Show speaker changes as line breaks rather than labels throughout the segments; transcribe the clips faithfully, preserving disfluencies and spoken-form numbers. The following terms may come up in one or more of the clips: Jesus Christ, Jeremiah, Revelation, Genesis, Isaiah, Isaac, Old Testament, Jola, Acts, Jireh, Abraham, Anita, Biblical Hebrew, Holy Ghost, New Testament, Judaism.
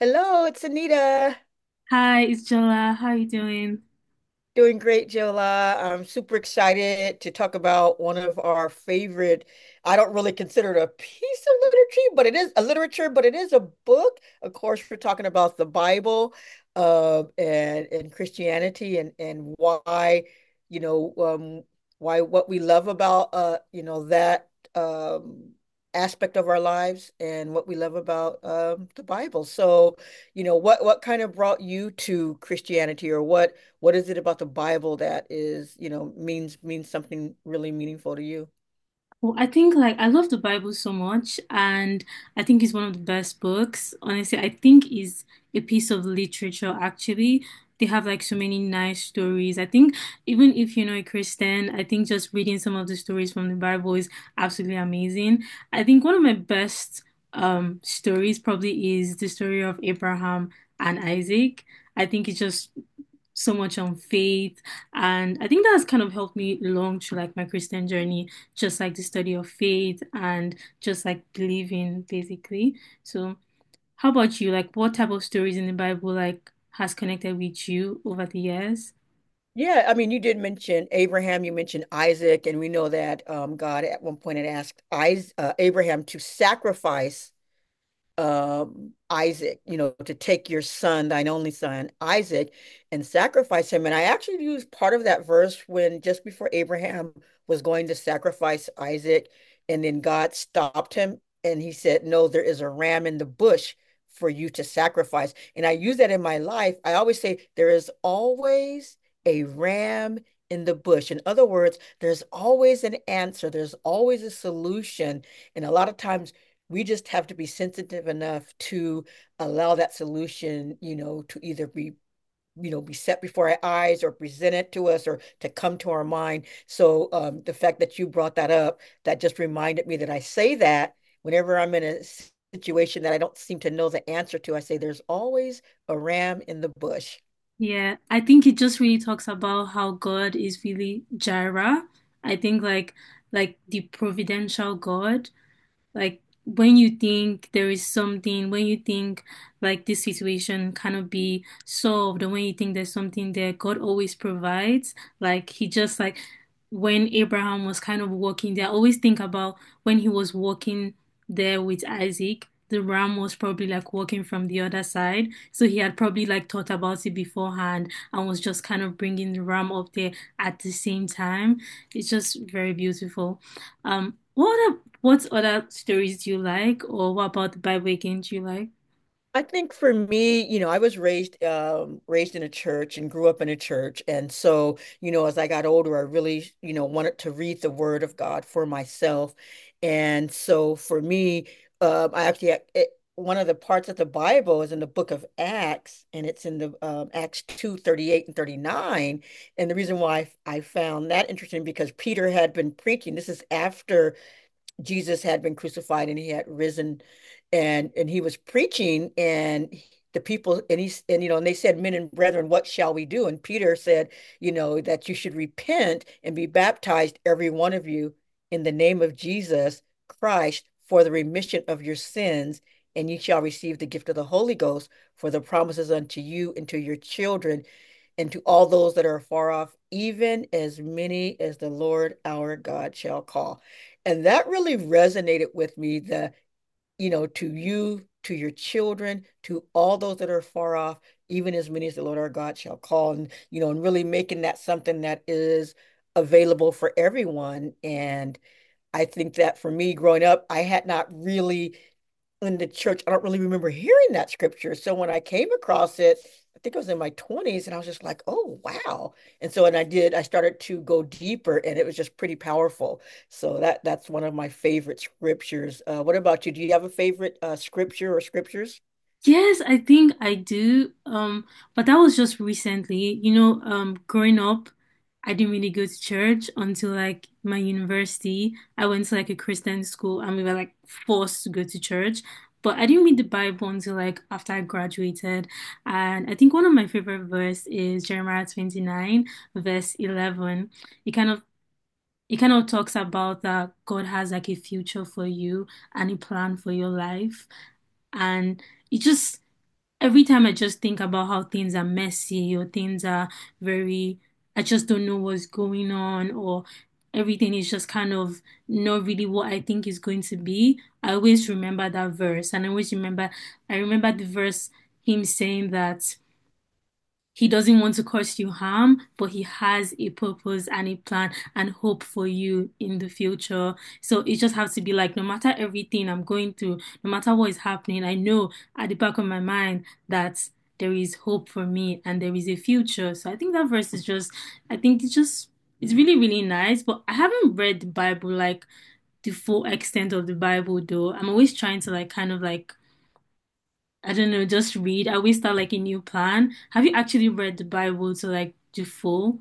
Hello, it's Anita.
Hi, it's Jola. How are you doing?
Doing great, Jola. I'm super excited to talk about one of our favorite. I don't really consider it a piece of literature, but it is a literature, but it is a book. Of course, we're talking about the Bible, uh, and and Christianity, and and why, you know, um, why what we love about, uh, you know, that um aspect of our lives and what we love about um the Bible. So, you know, what what kind of brought you to Christianity, or what? What is it about the Bible that is, you know, means means something really meaningful to you?
Well, I think like I love the Bible so much, and I think it's one of the best books. Honestly, I think is a piece of literature actually. They have like so many nice stories. I think even if you're not a Christian, I think just reading some of the stories from the Bible is absolutely amazing. I think one of my best um stories probably is the story of Abraham and Isaac. I think it's just so much on faith, and I think that has kind of helped me along through like my Christian journey, just like the study of faith and just like believing, basically. So, how about you? Like, what type of stories in the Bible like has connected with you over the years?
Yeah, I mean, you did mention Abraham, you mentioned Isaac, and we know that um, God at one point had asked Is uh, Abraham to sacrifice um, Isaac, you know, to take your son, thine only son, Isaac, and sacrifice him. And I actually used part of that verse when just before Abraham was going to sacrifice Isaac, and then God stopped him and he said, "No, there is a ram in the bush for you to sacrifice." And I use that in my life. I always say, "There is always a ram in the bush." In other words, there's always an answer, there's always a solution. And a lot of times, we just have to be sensitive enough to allow that solution, you know, to either be you know be set before our eyes or presented to us or to come to our mind. So um, the fact that you brought that up, that just reminded me that I say that whenever I'm in a situation that I don't seem to know the answer to, I say there's always a ram in the bush.
Yeah, I think it just really talks about how God is really Jireh. I think like like the providential God. Like when you think there is something, when you think like this situation cannot be solved, and when you think there's something there, God always provides. Like he just like when Abraham was kind of walking there, I always think about when he was walking there with Isaac. The ram was probably like walking from the other side. So he had probably like thought about it beforehand and was just kind of bringing the ram up there at the same time. It's just very beautiful. Um, what a- what other stories do you like, or what about the Bible again do you like?
I think for me, you know, I was raised um, raised in a church and grew up in a church, and so you know, as I got older, I really you know wanted to read the Word of God for myself, and so for me, um, I actually it, one of the parts of the Bible is in the book of Acts, and it's in the um, Acts two thirty eight and thirty nine, and the reason why I found that interesting because Peter had been preaching. This is after Jesus had been crucified and he had risen and and he was preaching and the people and he and you know and they said, "Men and brethren, what shall we do?" And Peter said, you know, that you should repent and be baptized every one of you in the name of Jesus Christ for the remission of your sins, and ye shall receive the gift of the Holy Ghost, for the promises unto you and to your children and to all those that are far off, even as many as the Lord our God shall call. And that really resonated with me that, you know, to you, to your children, to all those that are far off, even as many as the Lord our God shall call. And, you know, and really making that something that is available for everyone. And I think that for me growing up, I had not really in the church, I don't really remember hearing that scripture. So when I came across it, I think I was in my twenties and I was just like, oh, wow. And so, and I did, I started to go deeper and it was just pretty powerful. So that that's one of my favorite scriptures. Uh, what about you? Do you have a favorite uh, scripture or scriptures?
Yes, I think I do. Um, but that was just recently. You know, um, growing up, I didn't really go to church until like my university. I went to like a Christian school, and we were like forced to go to church. But I didn't read the Bible until like after I graduated. And I think one of my favorite verse is Jeremiah twenty-nine, verse eleven. It kind of It kind of talks about that God has like a future for you and a plan for your life. And it just, every time I just think about how things are messy or things are very, I just don't know what's going on, or everything is just kind of not really what I think is going to be. I always remember that verse, and I always remember, I remember the verse, him saying that. He doesn't want to cause you harm, but he has a purpose and a plan and hope for you in the future. So it just has to be like, no matter everything I'm going through, no matter what is happening, I know at the back of my mind that there is hope for me and there is a future. So I think that verse is just, I think it's just, it's really, really nice. But I haven't read the Bible like the full extent of the Bible though. I'm always trying to like kind of like I don't know, just read. I always start like a new plan. Have you actually read the Bible to like the full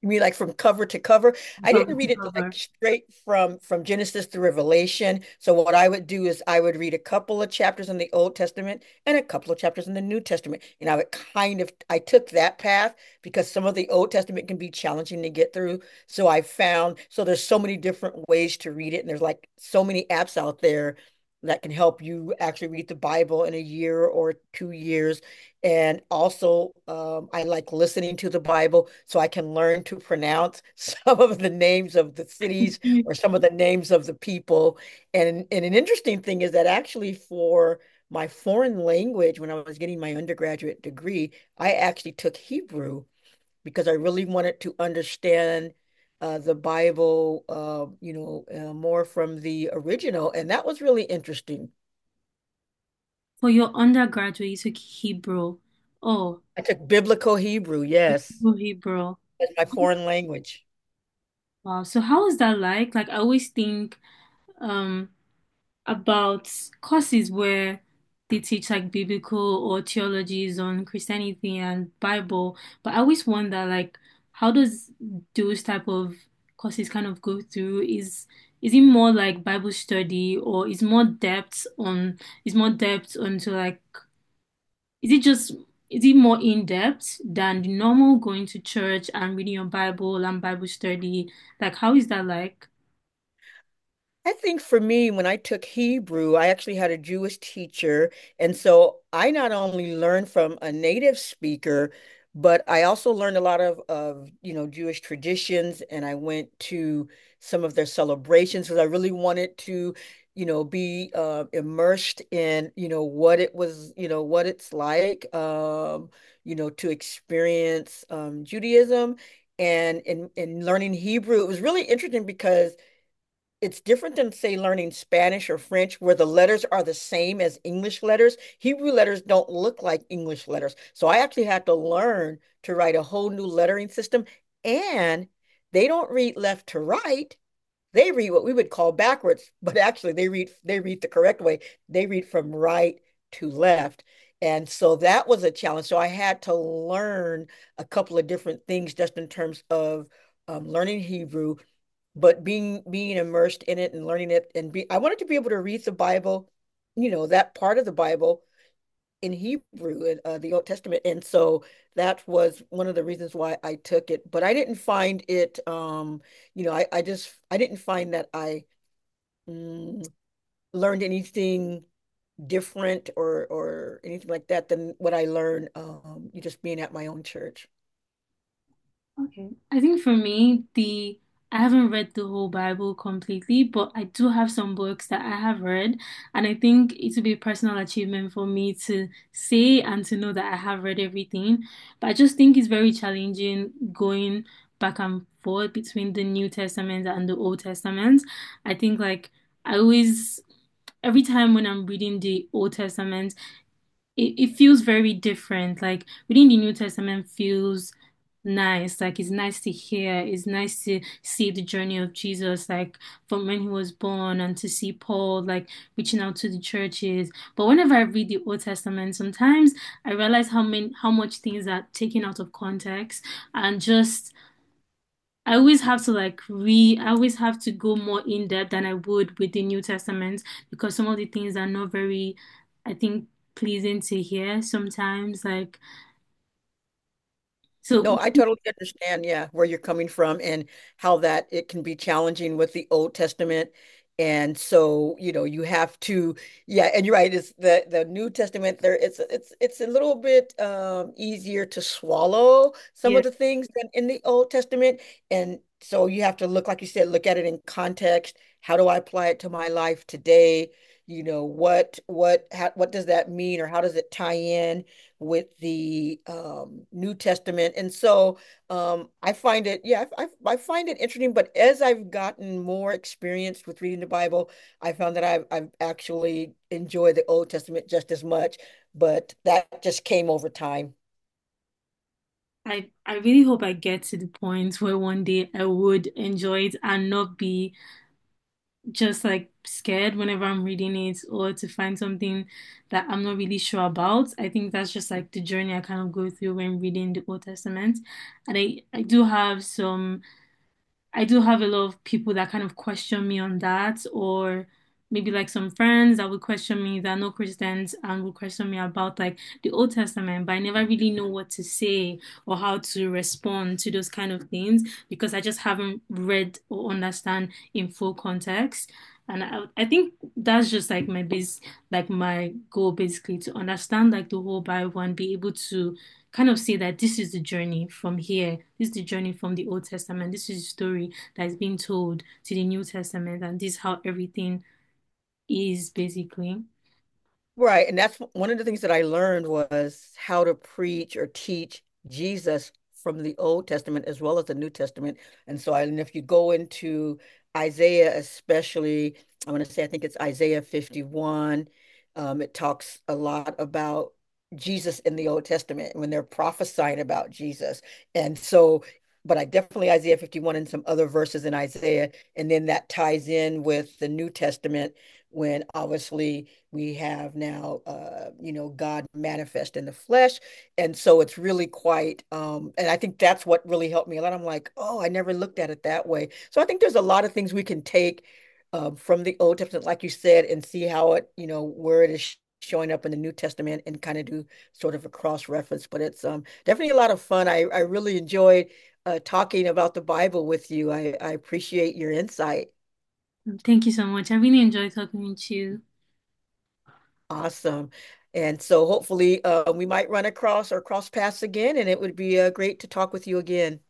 You mean like from cover to cover? I
cover
didn't read
to
it like
cover?
straight from from Genesis to Revelation. So what I would do is I would read a couple of chapters in the Old Testament and a couple of chapters in the New Testament. And I would kind of I took that path because some of the Old Testament can be challenging to get through. So I found, so there's so many different ways to read it and there's like so many apps out there that can help you actually read the Bible in a year or two years. And also, um, I like listening to the Bible so I can learn to pronounce some of the names of the cities
Mm.
or some of the names of the people. And, and an interesting thing is that actually, for my foreign language, when I was getting my undergraduate degree, I actually took Hebrew because I really wanted to understand uh, the Bible, uh, you know, uh, more from the original. And that was really interesting.
For your undergraduate, you took Hebrew. Oh,
I took Biblical Hebrew,
you
yes,
took Hebrew.
as my foreign language.
Wow. So how was that like? Like I always think, um, about courses where they teach like biblical or theologies on Christianity and Bible, but I always wonder like how does those type of courses kind of go through? Is is it more like Bible study, or is more depth on is more depth onto like is it just is it more in depth than the normal going to church and reading your Bible and Bible study? Like how is that like?
I think for me, when I took Hebrew, I actually had a Jewish teacher. And so I not only learned from a native speaker, but I also learned a lot of, of you know, Jewish traditions. And I went to some of their celebrations because I really wanted to, you know, be uh, immersed in, you know, what it was, you know, what it's like, um, you know, to experience um, Judaism. And in, in learning Hebrew, it was really interesting because it's different than say learning Spanish or French where the letters are the same as English letters. Hebrew letters don't look like English letters. So I actually had to learn to write a whole new lettering system, and they don't read left to right. They read what we would call backwards, but actually they read they read the correct way. They read from right to left. And so that was a challenge. So I had to learn a couple of different things just in terms of um, learning Hebrew, but being being immersed in it and learning it, and be I wanted to be able to read the Bible, you know, that part of the Bible in Hebrew in uh, the Old Testament, and so that was one of the reasons why I took it. But I didn't find it, um, you know, I I just I didn't find that I mm, learned anything different or or anything like that than what I learned um, just being at my own church.
Okay. I think for me, the I haven't read the whole Bible completely, but I do have some books that I have read, and I think it would be a personal achievement for me to say and to know that I have read everything. But I just think it's very challenging going back and forth between the New Testament and the Old Testament. I think like I always every time when I'm reading the Old Testament, it, it feels very different. Like reading the New Testament feels nice. Like it's nice to hear. It's nice to see the journey of Jesus, like from when he was born and to see Paul like reaching out to the churches. But whenever I read the Old Testament, sometimes I realize how many how much things are taken out of context, and just I always have to like re I always have to go more in depth than I would with the New Testament because some of the things are not very, I think, pleasing to hear sometimes. Like, so
No, I totally understand, yeah, where you're coming from and how that it can be challenging with the Old Testament. And so, you know, you have to, yeah, and you're right, it's the the New Testament there it's it's it's a little bit um easier to swallow some
yeah,
of the things than in the Old Testament. And so you have to look, like you said, look at it in context. How do I apply it to my life today? You know, what what how, what does that mean or how does it tie in with the um, New Testament? And so um, I find it, yeah, I, I, find it interesting. But as I've gotten more experienced with reading the Bible, I found that I've, I've actually enjoyed the Old Testament just as much. But that just came over time.
I I really hope I get to the point where one day I would enjoy it and not be just like scared whenever I'm reading it or to find something that I'm not really sure about. I think that's just like the journey I kind of go through when reading the Old Testament. And I, I do have some I do have a lot of people that kind of question me on that, or maybe like some friends that would question me that are not Christians and would question me about like the Old Testament, but I never really know what to say or how to respond to those kind of things because I just haven't read or understand in full context. And I, I think that's just like my base, like my goal basically to understand like the whole Bible and be able to kind of say that this is the journey from here. This is the journey from the Old Testament. This is the story that is being told to the New Testament, and this is how everything is basically.
Right. And that's one of the things that I learned was how to preach or teach Jesus from the Old Testament as well as the New Testament. And so I, and if you go into Isaiah, especially, I want to say, I think it's Isaiah fifty-one, um, it talks a lot about Jesus in the Old Testament when they're prophesying about Jesus. And so, but I definitely Isaiah fifty-one and some other verses in Isaiah. And then that ties in with the New Testament when obviously we have now, uh, you know, God manifest in the flesh. And so it's really quite, um, and I think that's what really helped me a lot. I'm like, oh, I never looked at it that way. So I think there's a lot of things we can take um, from the Old Testament, like you said, and see how it, you know, where it is showing up in the New Testament and kind of do sort of a cross reference. But it's um, definitely a lot of fun. I, I really enjoyed uh, talking about the Bible with you. I, I appreciate your insight.
Thank you so much. I really enjoyed talking with you.
Awesome. And so hopefully uh, we might run across or cross paths again, and it would be uh, great to talk with you again.